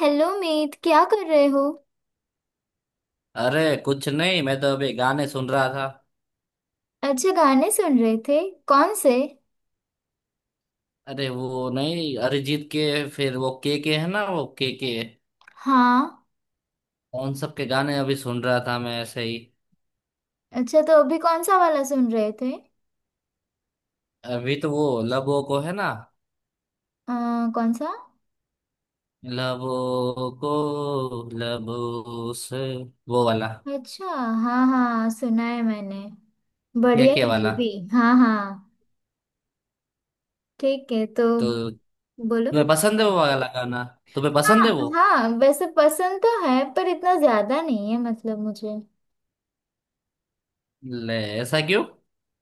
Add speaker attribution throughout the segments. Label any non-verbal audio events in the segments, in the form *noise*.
Speaker 1: Hello Meet. क्या कर रहे हो?
Speaker 2: अरे, कुछ नहीं। मैं तो अभी गाने सुन रहा था।
Speaker 1: अच्छा, गाने सुन रहे थे? कौन से?
Speaker 2: अरे वो नहीं, अरिजीत के। फिर वो के है ना, वो के,
Speaker 1: हाँ।
Speaker 2: उन सब के गाने अभी सुन रहा था मैं ऐसे ही।
Speaker 1: अच्छा, तो अभी कौन सा वाला सुन रहे थे?
Speaker 2: अभी तो वो लबों को है ना,
Speaker 1: आ, कौन सा?
Speaker 2: लबों को, लबों से, वो वाला।
Speaker 1: अच्छा। हाँ हाँ, सुना है मैंने।
Speaker 2: ये
Speaker 1: बढ़िया
Speaker 2: के
Speaker 1: है वो
Speaker 2: वाला।
Speaker 1: भी। हाँ हाँ। ठीक है, तो
Speaker 2: तो
Speaker 1: बोलो।
Speaker 2: तुम्हें पसंद है वो वाला गाना? तुम्हें पसंद है
Speaker 1: हाँ
Speaker 2: वो?
Speaker 1: हाँ, वैसे पसंद तो है, पर इतना ज्यादा नहीं है मतलब मुझे।
Speaker 2: ले, ऐसा क्यों?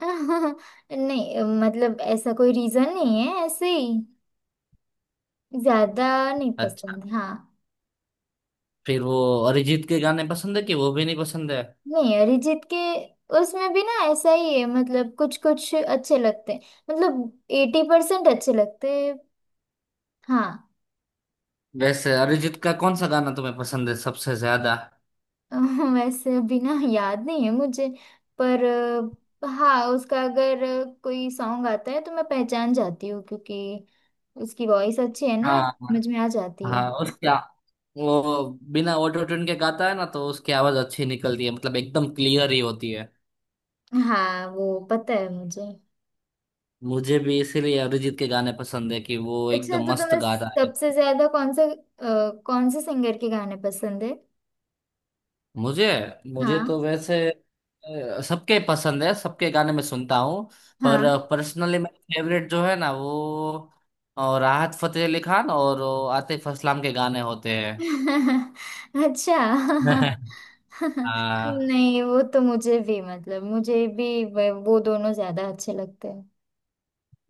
Speaker 1: *laughs* नहीं मतलब ऐसा कोई रीजन नहीं है, ऐसे ही। ज्यादा नहीं
Speaker 2: अच्छा,
Speaker 1: पसंद, हाँ।
Speaker 2: फिर वो अरिजीत के गाने पसंद है कि वो भी नहीं पसंद है?
Speaker 1: नहीं, अरिजीत के उसमें भी ना ऐसा ही है, मतलब कुछ कुछ अच्छे लगते हैं। मतलब 80% अच्छे लगते हैं। हाँ।
Speaker 2: वैसे अरिजीत का कौन सा गाना तुम्हें पसंद है सबसे ज्यादा?
Speaker 1: *laughs* वैसे अभी ना याद नहीं है मुझे। पर हाँ, उसका अगर कोई सॉन्ग आता है तो मैं पहचान जाती हूँ, क्योंकि उसकी वॉइस अच्छी है ना,
Speaker 2: हाँ।
Speaker 1: मुझ में आ जाती है।
Speaker 2: हाँ उसका वो, बिना ऑटो ट्यून के गाता है ना, तो उसकी आवाज अच्छी निकलती है, मतलब एकदम क्लियर ही होती है।
Speaker 1: हाँ, वो पता है मुझे।
Speaker 2: मुझे भी इसीलिए अरिजीत के गाने पसंद है कि वो
Speaker 1: अच्छा,
Speaker 2: एकदम
Speaker 1: तो
Speaker 2: मस्त
Speaker 1: तुम्हें
Speaker 2: गाता है।
Speaker 1: सबसे ज्यादा कौन से सिंगर के गाने पसंद है?
Speaker 2: मुझे मुझे
Speaker 1: हाँ
Speaker 2: तो वैसे सबके पसंद है, सबके गाने मैं सुनता हूँ।
Speaker 1: हाँ।
Speaker 2: पर पर्सनली मेरा फेवरेट जो है ना वो, राहत फतेह अली खान और वो आतिफ असलाम के गाने होते
Speaker 1: *laughs* अच्छा।
Speaker 2: हैं। *laughs*
Speaker 1: *laughs*
Speaker 2: हाँ
Speaker 1: नहीं, वो तो मुझे भी, मतलब मुझे भी वो दोनों ज्यादा अच्छे लगते हैं।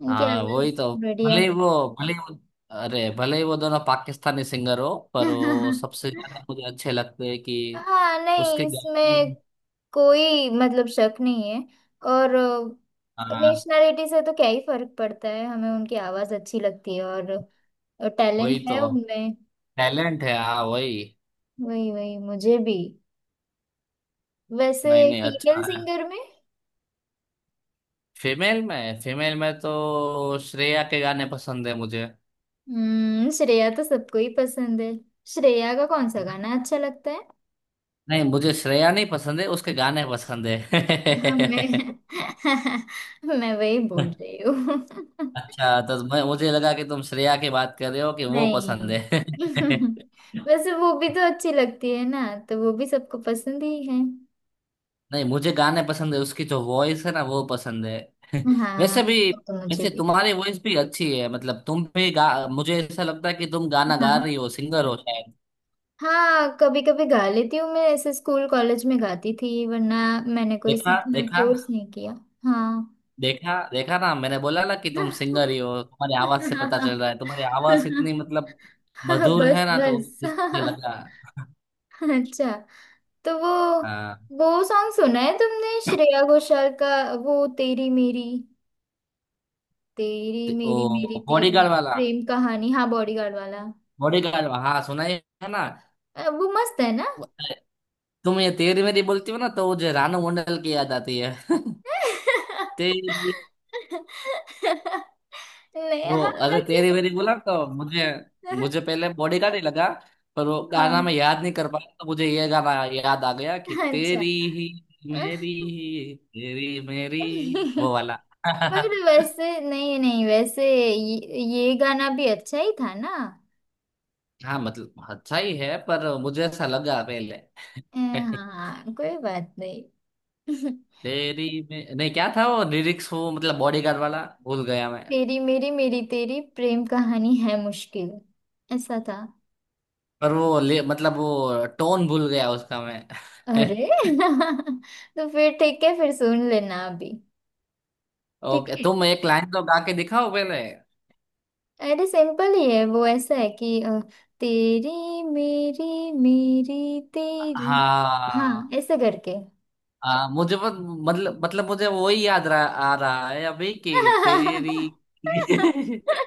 Speaker 1: इनकी
Speaker 2: हाँ,
Speaker 1: आवाज
Speaker 2: वही तो।
Speaker 1: बढ़िया
Speaker 2: भले ही
Speaker 1: है।
Speaker 2: वो भले ही वो अरे, भले ही वो दोनों पाकिस्तानी सिंगर हो, पर वो सबसे ज्यादा
Speaker 1: *laughs*
Speaker 2: मुझे अच्छे लगते हैं कि
Speaker 1: हाँ, नहीं
Speaker 2: उसके गाने
Speaker 1: इसमें
Speaker 2: में।
Speaker 1: कोई मतलब शक नहीं है। और
Speaker 2: हाँ
Speaker 1: नेशनैलिटी से तो क्या ही फर्क पड़ता है, हमें उनकी आवाज अच्छी लगती है और टैलेंट
Speaker 2: वही तो।
Speaker 1: है उनमें।
Speaker 2: टैलेंट है, हाँ वही।
Speaker 1: वही वही मुझे भी। वैसे
Speaker 2: नहीं नहीं,
Speaker 1: फीमेल
Speaker 2: अच्छा है।
Speaker 1: सिंगर में,
Speaker 2: फीमेल में तो श्रेया के गाने पसंद है मुझे।
Speaker 1: श्रेया तो सबको ही पसंद है। श्रेया का कौन सा गाना अच्छा लगता है?
Speaker 2: नहीं, मुझे श्रेया नहीं पसंद है, उसके गाने पसंद है।
Speaker 1: हाँ, मैं *laughs* मैं वही बोल
Speaker 2: *laughs*
Speaker 1: रही हूँ। *laughs*
Speaker 2: अच्छा, तो मैं मुझे लगा कि तुम श्रेया की बात कर रहे हो कि वो पसंद
Speaker 1: नहीं।
Speaker 2: है। *laughs*
Speaker 1: *laughs* वैसे वो भी तो अच्छी लगती है ना, तो वो भी सबको पसंद ही है।
Speaker 2: नहीं, मुझे गाने पसंद है उसकी, जो वॉइस है ना, वो पसंद है। *laughs*
Speaker 1: हाँ,
Speaker 2: वैसे भी।
Speaker 1: वो तो मुझे
Speaker 2: वैसे
Speaker 1: भी।
Speaker 2: तुम्हारी वॉइस भी अच्छी है, मतलब तुम भी गा मुझे ऐसा लगता है कि तुम गाना गा
Speaker 1: हाँ
Speaker 2: रही हो, सिंगर हो शायद।
Speaker 1: हाँ, कभी कभी गा लेती हूँ मैं, ऐसे स्कूल कॉलेज में गाती थी, वरना मैंने कोई
Speaker 2: देखा
Speaker 1: सीखने
Speaker 2: देखा।
Speaker 1: कोर्स नहीं किया। हाँ।
Speaker 2: देखा देखा ना, मैंने बोला ना कि तुम सिंगर ही हो, तुम्हारी आवाज से पता चल रहा है, तुम्हारी आवाज
Speaker 1: *laughs* *laughs*
Speaker 2: इतनी, मतलब मधुर है
Speaker 1: बस
Speaker 2: ना, तो
Speaker 1: बस।
Speaker 2: मुझे
Speaker 1: *laughs*
Speaker 2: लगा।
Speaker 1: अच्छा। तो वो
Speaker 2: हाँ।
Speaker 1: वो सॉन्ग सुना है तुमने श्रेया घोषाल का? वो तेरी मेरी, तेरी
Speaker 2: ओ,
Speaker 1: मेरी, मेरी तेरी,
Speaker 2: बॉडीगार्ड वाला।
Speaker 1: प्रेम कहानी, हाँ बॉडीगार्ड वाला।
Speaker 2: बॉडीगार्ड हाँ, सुनाई है ना।
Speaker 1: वो मस्त है ना?
Speaker 2: वो- तुम ये तेरी मेरी बोलती हो ना तो मुझे रानू मंडल की याद आती है। तेरी
Speaker 1: *laughs* नहीं,
Speaker 2: वो
Speaker 1: हाँ
Speaker 2: अरे,
Speaker 1: वैसे,
Speaker 2: तेरी वेरी बोला तो मुझे। मुझे पहले बॉडी का नहीं लगा, पर वो
Speaker 1: हाँ
Speaker 2: गाना मैं याद नहीं कर पाया तो मुझे ये गाना याद आ गया कि
Speaker 1: अच्छा।
Speaker 2: तेरी ही, मेरी ही तेरी मेरी,
Speaker 1: *laughs*
Speaker 2: वो वाला।
Speaker 1: पर
Speaker 2: *laughs*
Speaker 1: वैसे, नहीं नहीं वैसे ये, ये गाना भी अच्छा ही था ना।
Speaker 2: हाँ मतलब अच्छा ही है, पर मुझे ऐसा लगा पहले। *laughs*
Speaker 1: हाँ, कोई बात नहीं। *laughs*
Speaker 2: तेरी में नहीं क्या था वो लिरिक्स, वो मतलब बॉडी गार्ड वाला भूल गया मैं।
Speaker 1: तेरी मेरी, मेरी तेरी, प्रेम कहानी है मुश्किल, ऐसा था।
Speaker 2: पर वो मतलब वो टोन भूल गया उसका मैं।
Speaker 1: अरे
Speaker 2: *laughs*
Speaker 1: *laughs* तो फिर ठीक है, फिर सुन लेना अभी। ठीक
Speaker 2: ओके,
Speaker 1: है।
Speaker 2: तुम एक लाइन तो गा के दिखाओ पहले।
Speaker 1: अरे, सिंपल ही है, वो ऐसा है कि तेरी मेरी, मेरी तेरी। हाँ,
Speaker 2: हाँ।
Speaker 1: ऐसे करके।
Speaker 2: मुझे बस, मतलब मुझे वही आ रहा है अभी कि
Speaker 1: *laughs*
Speaker 2: तेरी। *laughs*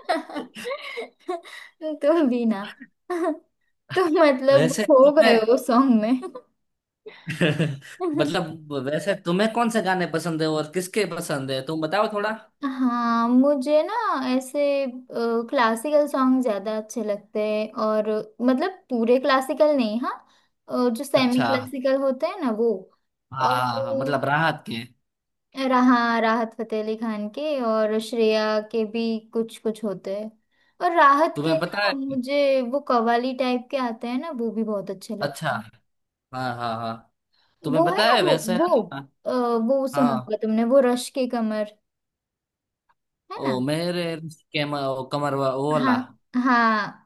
Speaker 1: तुम भी ना। *laughs* तुम मतलब
Speaker 2: वैसे
Speaker 1: खो गए
Speaker 2: तुम्हें।
Speaker 1: हो सॉन्ग में।
Speaker 2: *laughs*
Speaker 1: *laughs*
Speaker 2: मतलब वैसे तुम्हें कौन से गाने पसंद है और किसके पसंद है, तुम बताओ थोड़ा।
Speaker 1: हाँ, मुझे ना ऐसे क्लासिकल सॉन्ग ज्यादा अच्छे लगते हैं। और मतलब पूरे क्लासिकल नहीं, हाँ, जो सेमी
Speaker 2: अच्छा,
Speaker 1: क्लासिकल होते हैं ना, वो,
Speaker 2: हाँ
Speaker 1: और
Speaker 2: हाँ हाँ, मतलब राहत के।
Speaker 1: रहा राहत फतेह अली खान के और श्रेया के भी कुछ कुछ होते हैं। और राहत के
Speaker 2: तुम्हें पता
Speaker 1: ना,
Speaker 2: है।
Speaker 1: मुझे वो कव्वाली टाइप के आते हैं ना, वो भी बहुत अच्छे
Speaker 2: अच्छा,
Speaker 1: लगते हैं।
Speaker 2: हाँ हाँ हाँ। तुम्हें
Speaker 1: वो है
Speaker 2: पता
Speaker 1: ना,
Speaker 2: है
Speaker 1: वो
Speaker 2: वैसे,
Speaker 1: वो
Speaker 2: है ना।
Speaker 1: अ, वो सुना
Speaker 2: हाँ,
Speaker 1: होगा तुमने, वो रश के कमर, है
Speaker 2: ओ
Speaker 1: ना?
Speaker 2: मेरे रिश्ते के ओ, कमर वो वाला।
Speaker 1: हाँ हाँ।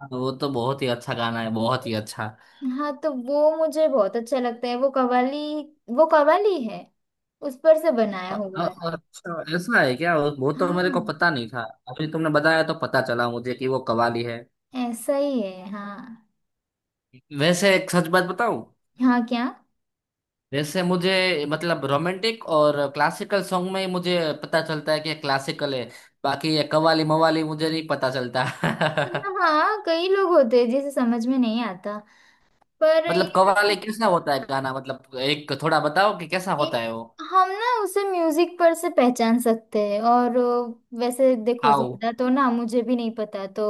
Speaker 2: हाँ, वो तो बहुत ही अच्छा गाना है, बहुत ही अच्छा।
Speaker 1: हाँ, तो वो मुझे बहुत अच्छा लगता है, वो कव्वाली। वो कव्वाली है, उस पर से बनाया हुआ है।
Speaker 2: अच्छा, ऐसा है क्या? वो तो मेरे
Speaker 1: हाँ,
Speaker 2: को पता नहीं था। अभी तुमने बताया तो पता चला मुझे कि वो कव्वाली है।
Speaker 1: ऐसा ही है, हाँ।
Speaker 2: वैसे एक सच बात बताऊं?
Speaker 1: हाँ, क्या?
Speaker 2: वैसे मुझे मतलब रोमांटिक और क्लासिकल सॉन्ग में ही मुझे पता चलता है कि क्लासिकल है। बाकी ये कव्वाली मवाली मुझे नहीं पता चलता। *laughs*
Speaker 1: हाँ हाँ, कई लोग होते हैं जिसे समझ में नहीं आता। पर ये
Speaker 2: मतलब कव्वाली
Speaker 1: ना,
Speaker 2: कैसा होता है गाना, मतलब एक थोड़ा बताओ कि कैसा
Speaker 1: ये
Speaker 2: होता है वो।
Speaker 1: हम ना उसे म्यूजिक पर से पहचान सकते हैं, और वैसे देखो,
Speaker 2: आओ।
Speaker 1: ज्यादा तो ना मुझे भी नहीं पता, तो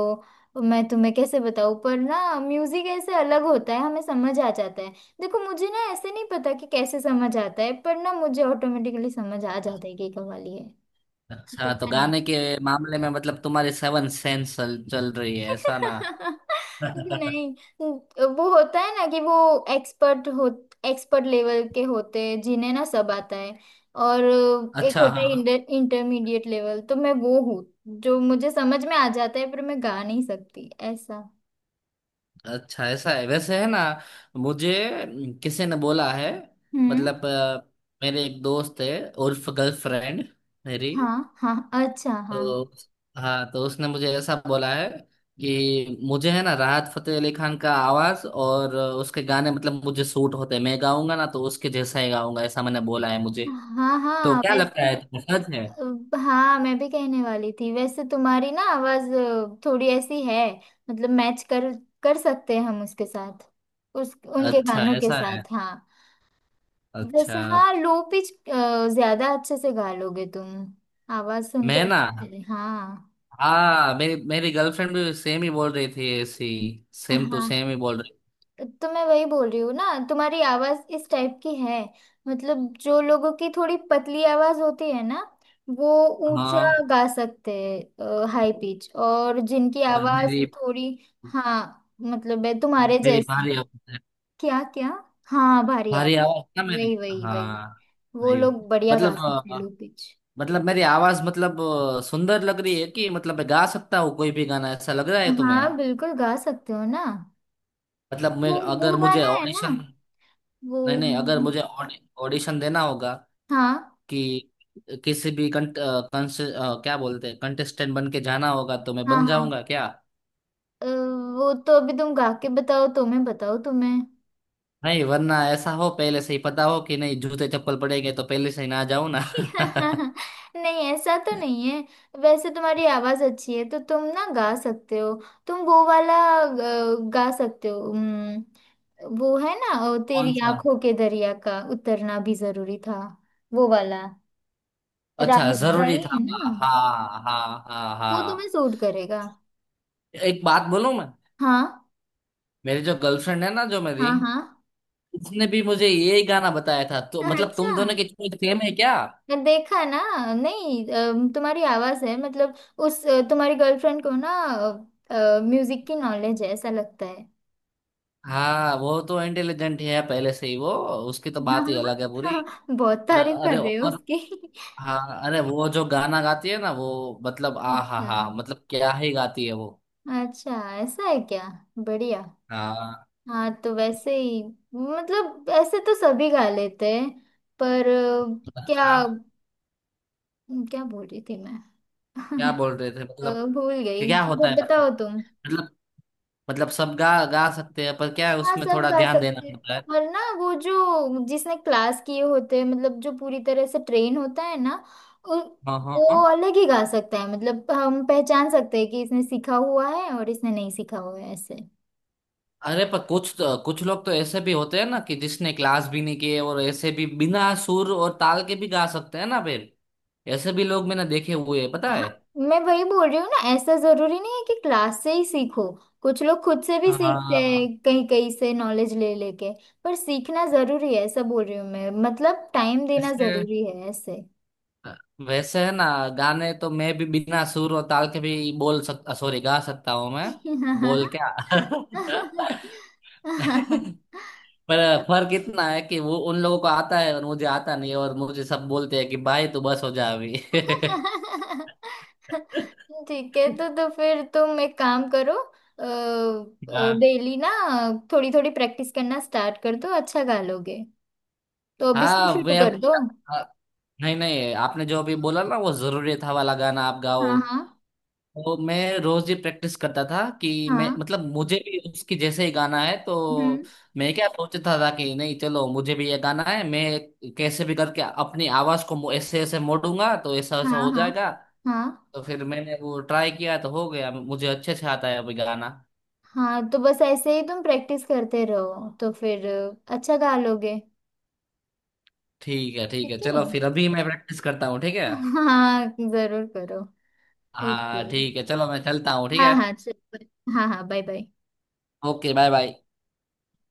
Speaker 1: मैं तुम्हें कैसे बताऊँ, पर ना म्यूजिक ऐसे अलग होता है, हमें समझ आ जाता है। देखो, मुझे ना ऐसे नहीं पता कि कैसे समझ आता है, पर ना मुझे ऑटोमेटिकली समझ आ जाता है कि ये कव्वाली है।
Speaker 2: अच्छा, तो
Speaker 1: पता नहीं।
Speaker 2: गाने के मामले में मतलब तुम्हारी सेवन सेंस चल रही है, ऐसा ना?
Speaker 1: *laughs*
Speaker 2: *laughs*
Speaker 1: नहीं, तो वो होता है ना कि वो एक्सपर्ट हो, एक्सपर्ट लेवल के होते हैं जिन्हें ना सब आता है। और एक
Speaker 2: अच्छा
Speaker 1: होता
Speaker 2: हाँ।
Speaker 1: है इंटरमीडिएट लेवल, तो मैं वो हूँ, जो मुझे समझ में आ जाता है पर मैं गा नहीं सकती ऐसा।
Speaker 2: अच्छा, ऐसा है वैसे, है ना। मुझे किसी ने बोला है,
Speaker 1: हम्म।
Speaker 2: मतलब मेरे एक दोस्त है, उर्फ गर्लफ्रेंड मेरी,
Speaker 1: हाँ हाँ, अच्छा हाँ।
Speaker 2: तो हाँ, तो उसने मुझे ऐसा बोला है कि मुझे है ना, राहत फतेह अली खान का आवाज और उसके गाने मतलब मुझे सूट होते हैं, मैं गाऊंगा ना तो उसके जैसा ही गाऊंगा, ऐसा मैंने बोला है मुझे।
Speaker 1: हाँ
Speaker 2: तो
Speaker 1: हाँ
Speaker 2: क्या लगता
Speaker 1: वैसे,
Speaker 2: है तुम्हें, सच है?
Speaker 1: हाँ मैं भी कहने वाली थी, वैसे तुम्हारी ना आवाज थोड़ी ऐसी है, मतलब मैच कर कर सकते हैं हम उसके साथ, उस उनके
Speaker 2: अच्छा,
Speaker 1: गानों के
Speaker 2: ऐसा है।
Speaker 1: साथ, हाँ। वैसे
Speaker 2: अच्छा।
Speaker 1: हाँ, लो पिच ज्यादा अच्छे से गा लोगे तुम, आवाज सुन के
Speaker 2: मैं ना,
Speaker 1: लगता है। हाँ।
Speaker 2: हाँ, मेरी मेरी गर्लफ्रेंड भी सेम ही बोल रही थी ऐसी, सेम टू
Speaker 1: हाँ,
Speaker 2: सेम ही बोल रही।
Speaker 1: तो मैं वही बोल रही हूँ ना, तुम्हारी आवाज इस टाइप की है। मतलब जो लोगों की थोड़ी पतली आवाज होती है ना, वो ऊंचा
Speaker 2: हाँ
Speaker 1: गा सकते हैं, हाई पिच, और जिनकी
Speaker 2: और
Speaker 1: आवाज
Speaker 2: मेरी
Speaker 1: थोड़ी, हाँ, मतलब है तुम्हारे
Speaker 2: मेरी
Speaker 1: जैसे
Speaker 2: भारी
Speaker 1: ही।
Speaker 2: आवाज है।
Speaker 1: क्या क्या? हाँ, भारी
Speaker 2: भारी
Speaker 1: आवाज।
Speaker 2: आवाज ना मेरी,
Speaker 1: वही वही वही,
Speaker 2: हाँ।
Speaker 1: वो
Speaker 2: भाई,
Speaker 1: लोग बढ़िया गा
Speaker 2: मतलब
Speaker 1: सकते हैं लो पिच।
Speaker 2: मतलब मेरी आवाज मतलब सुंदर लग रही है कि मतलब मैं गा सकता हूँ कोई भी गाना, ऐसा लग रहा है तुम्हें?
Speaker 1: हाँ बिल्कुल, गा सकते हो ना।
Speaker 2: मतलब मैं
Speaker 1: वो
Speaker 2: अगर मुझे
Speaker 1: गाना है ना,
Speaker 2: ऑडिशन
Speaker 1: वो
Speaker 2: नहीं नहीं, अगर मुझे ऑडिशन देना होगा
Speaker 1: हाँ
Speaker 2: कि किसी भी कंट, अ, कंस, अ, क्या बोलते हैं, कंटेस्टेंट बन के जाना होगा तो मैं
Speaker 1: हाँ
Speaker 2: बन
Speaker 1: हाँ।
Speaker 2: जाऊंगा क्या?
Speaker 1: वो तो अभी तुम गा के बताओ, तुम्हें बताओ तुम्हें।
Speaker 2: नहीं, वरना ऐसा हो पहले से ही पता हो कि नहीं, जूते चप्पल पड़ेंगे तो पहले से ही ना जाओ ना। *laughs*
Speaker 1: *laughs* नहीं, ऐसा तो नहीं है। वैसे तुम्हारी आवाज अच्छी है तो तुम ना गा सकते हो। तुम वो वाला गा सकते हो, वो है ना,
Speaker 2: कौन
Speaker 1: तेरी
Speaker 2: सा?
Speaker 1: आंखों के दरिया का उतरना भी जरूरी था, वो वाला,
Speaker 2: अच्छा,
Speaker 1: राहत का
Speaker 2: जरूरी
Speaker 1: ही
Speaker 2: था।
Speaker 1: है ना?
Speaker 2: हाँ हाँ हाँ
Speaker 1: वो तुम्हें
Speaker 2: हाँ।
Speaker 1: सूट करेगा।
Speaker 2: एक बात बोलूं मैं?
Speaker 1: हाँ।
Speaker 2: मेरी जो गर्लफ्रेंड है ना, जो मेरी,
Speaker 1: हाँ हाँ।
Speaker 2: उसने भी मुझे यही गाना बताया था,
Speaker 1: *laughs*
Speaker 2: तो मतलब
Speaker 1: अच्छा,
Speaker 2: तुम दोनों की चॉइस सेम है क्या?
Speaker 1: मैं देखा ना। नहीं, तुम्हारी आवाज है, मतलब तुम्हारी गर्लफ्रेंड को ना म्यूजिक की नॉलेज है, ऐसा लगता है।
Speaker 2: हाँ, वो तो इंटेलिजेंट है पहले से ही वो, उसकी
Speaker 1: *laughs*
Speaker 2: तो बात ही अलग है पूरी।
Speaker 1: बहुत
Speaker 2: अ-
Speaker 1: तारीफ
Speaker 2: अरे,
Speaker 1: कर रहे हो
Speaker 2: और
Speaker 1: उसकी।
Speaker 2: हाँ, अरे वो जो गाना गाती है ना वो, मतलब आ हा
Speaker 1: अच्छा,
Speaker 2: हा, मतलब क्या ही गाती है वो।
Speaker 1: अच्छा ऐसा है क्या? बढ़िया।
Speaker 2: हाँ।
Speaker 1: हाँ, तो वैसे ही मतलब ऐसे तो सभी गा लेते हैं, पर क्या,
Speaker 2: हाँ,
Speaker 1: क्या बोल रही थी मैं?
Speaker 2: क्या
Speaker 1: *laughs*
Speaker 2: बोल रहे थे, मतलब
Speaker 1: भूल
Speaker 2: कि
Speaker 1: गई,
Speaker 2: क्या
Speaker 1: वो
Speaker 2: होता है,
Speaker 1: बताओ तुम।
Speaker 2: मतलब सब गा गा सकते हैं, पर क्या है
Speaker 1: हाँ,
Speaker 2: उसमें
Speaker 1: सब
Speaker 2: थोड़ा
Speaker 1: गा
Speaker 2: ध्यान देना
Speaker 1: सकते हैं।
Speaker 2: पड़ता है।
Speaker 1: और ना वो जो जिसने क्लास किए होते हैं, मतलब जो पूरी तरह से ट्रेन होता है ना, उ-
Speaker 2: हाँ हाँ हाँ।
Speaker 1: वो अलग ही गा सकता है, मतलब हम पहचान सकते हैं कि इसने सीखा हुआ है और इसने नहीं सीखा हुआ है, ऐसे।
Speaker 2: अरे, पर कुछ लोग तो ऐसे भी होते हैं ना कि जिसने क्लास भी नहीं किए, और ऐसे भी बिना सुर और ताल के भी गा सकते हैं ना फिर, ऐसे भी लोग मैंने देखे हुए हैं, पता है।
Speaker 1: हाँ, मैं वही बोल रही हूँ ना, ऐसा जरूरी नहीं है कि क्लास से ही सीखो। कुछ लोग खुद से भी सीखते हैं,
Speaker 2: हाँ।
Speaker 1: कहीं कहीं से नॉलेज ले लेके। पर सीखना जरूरी है, ऐसा बोल रही हूँ मैं, मतलब टाइम देना
Speaker 2: ऐसे,
Speaker 1: जरूरी है ऐसे।
Speaker 2: वैसे है ना, गाने तो मैं भी बिना सुर और ताल के भी बोल सकता, सॉरी गा सकता हूँ मैं, बोल क्या। *laughs* पर फर्क इतना है कि वो उन लोगों को आता है और मुझे आता नहीं है, और मुझे सब बोलते हैं कि भाई तू बस हो जा अभी। *laughs*
Speaker 1: ठीक है, तो फिर तुम एक काम करो।
Speaker 2: हाँ।
Speaker 1: डेली ना थोड़ी थोड़ी प्रैक्टिस करना स्टार्ट कर दो, अच्छा गा लोगे। तो अभी से
Speaker 2: हाँ
Speaker 1: शुरू
Speaker 2: मैं
Speaker 1: कर
Speaker 2: अभी,
Speaker 1: दो।
Speaker 2: हाँ, नहीं नहीं, आपने जो अभी बोला ना वो जरूरी था वाला गाना आप गाओ,
Speaker 1: हाँ हाँ
Speaker 2: तो मैं रोज ही प्रैक्टिस करता था कि मैं
Speaker 1: हाँ।
Speaker 2: मतलब मुझे भी उसकी जैसे ही गाना है, तो
Speaker 1: हम्म।
Speaker 2: मैं क्या सोचता था कि नहीं चलो मुझे भी ये गाना है, मैं कैसे भी करके अपनी आवाज को ऐसे ऐसे मोड़ूंगा तो ऐसा ऐसा
Speaker 1: हाँ
Speaker 2: हो
Speaker 1: हाँ
Speaker 2: जाएगा।
Speaker 1: हाँ
Speaker 2: तो फिर मैंने वो ट्राई किया तो हो गया, मुझे अच्छे से आता है अभी गाना।
Speaker 1: हाँ, तो बस ऐसे ही तुम प्रैक्टिस करते रहो तो फिर अच्छा गा लोगे।
Speaker 2: ठीक है, ठीक है,
Speaker 1: ठीक है।
Speaker 2: चलो फिर अभी मैं प्रैक्टिस करता हूँ, ठीक है?
Speaker 1: *laughs* हाँ, जरूर करो। ओके।
Speaker 2: हाँ ठीक है, चलो मैं चलता हूँ, ठीक
Speaker 1: हाँ
Speaker 2: है।
Speaker 1: हाँ, चल। हाँ हाँ, bye bye.
Speaker 2: Okay, bye bye.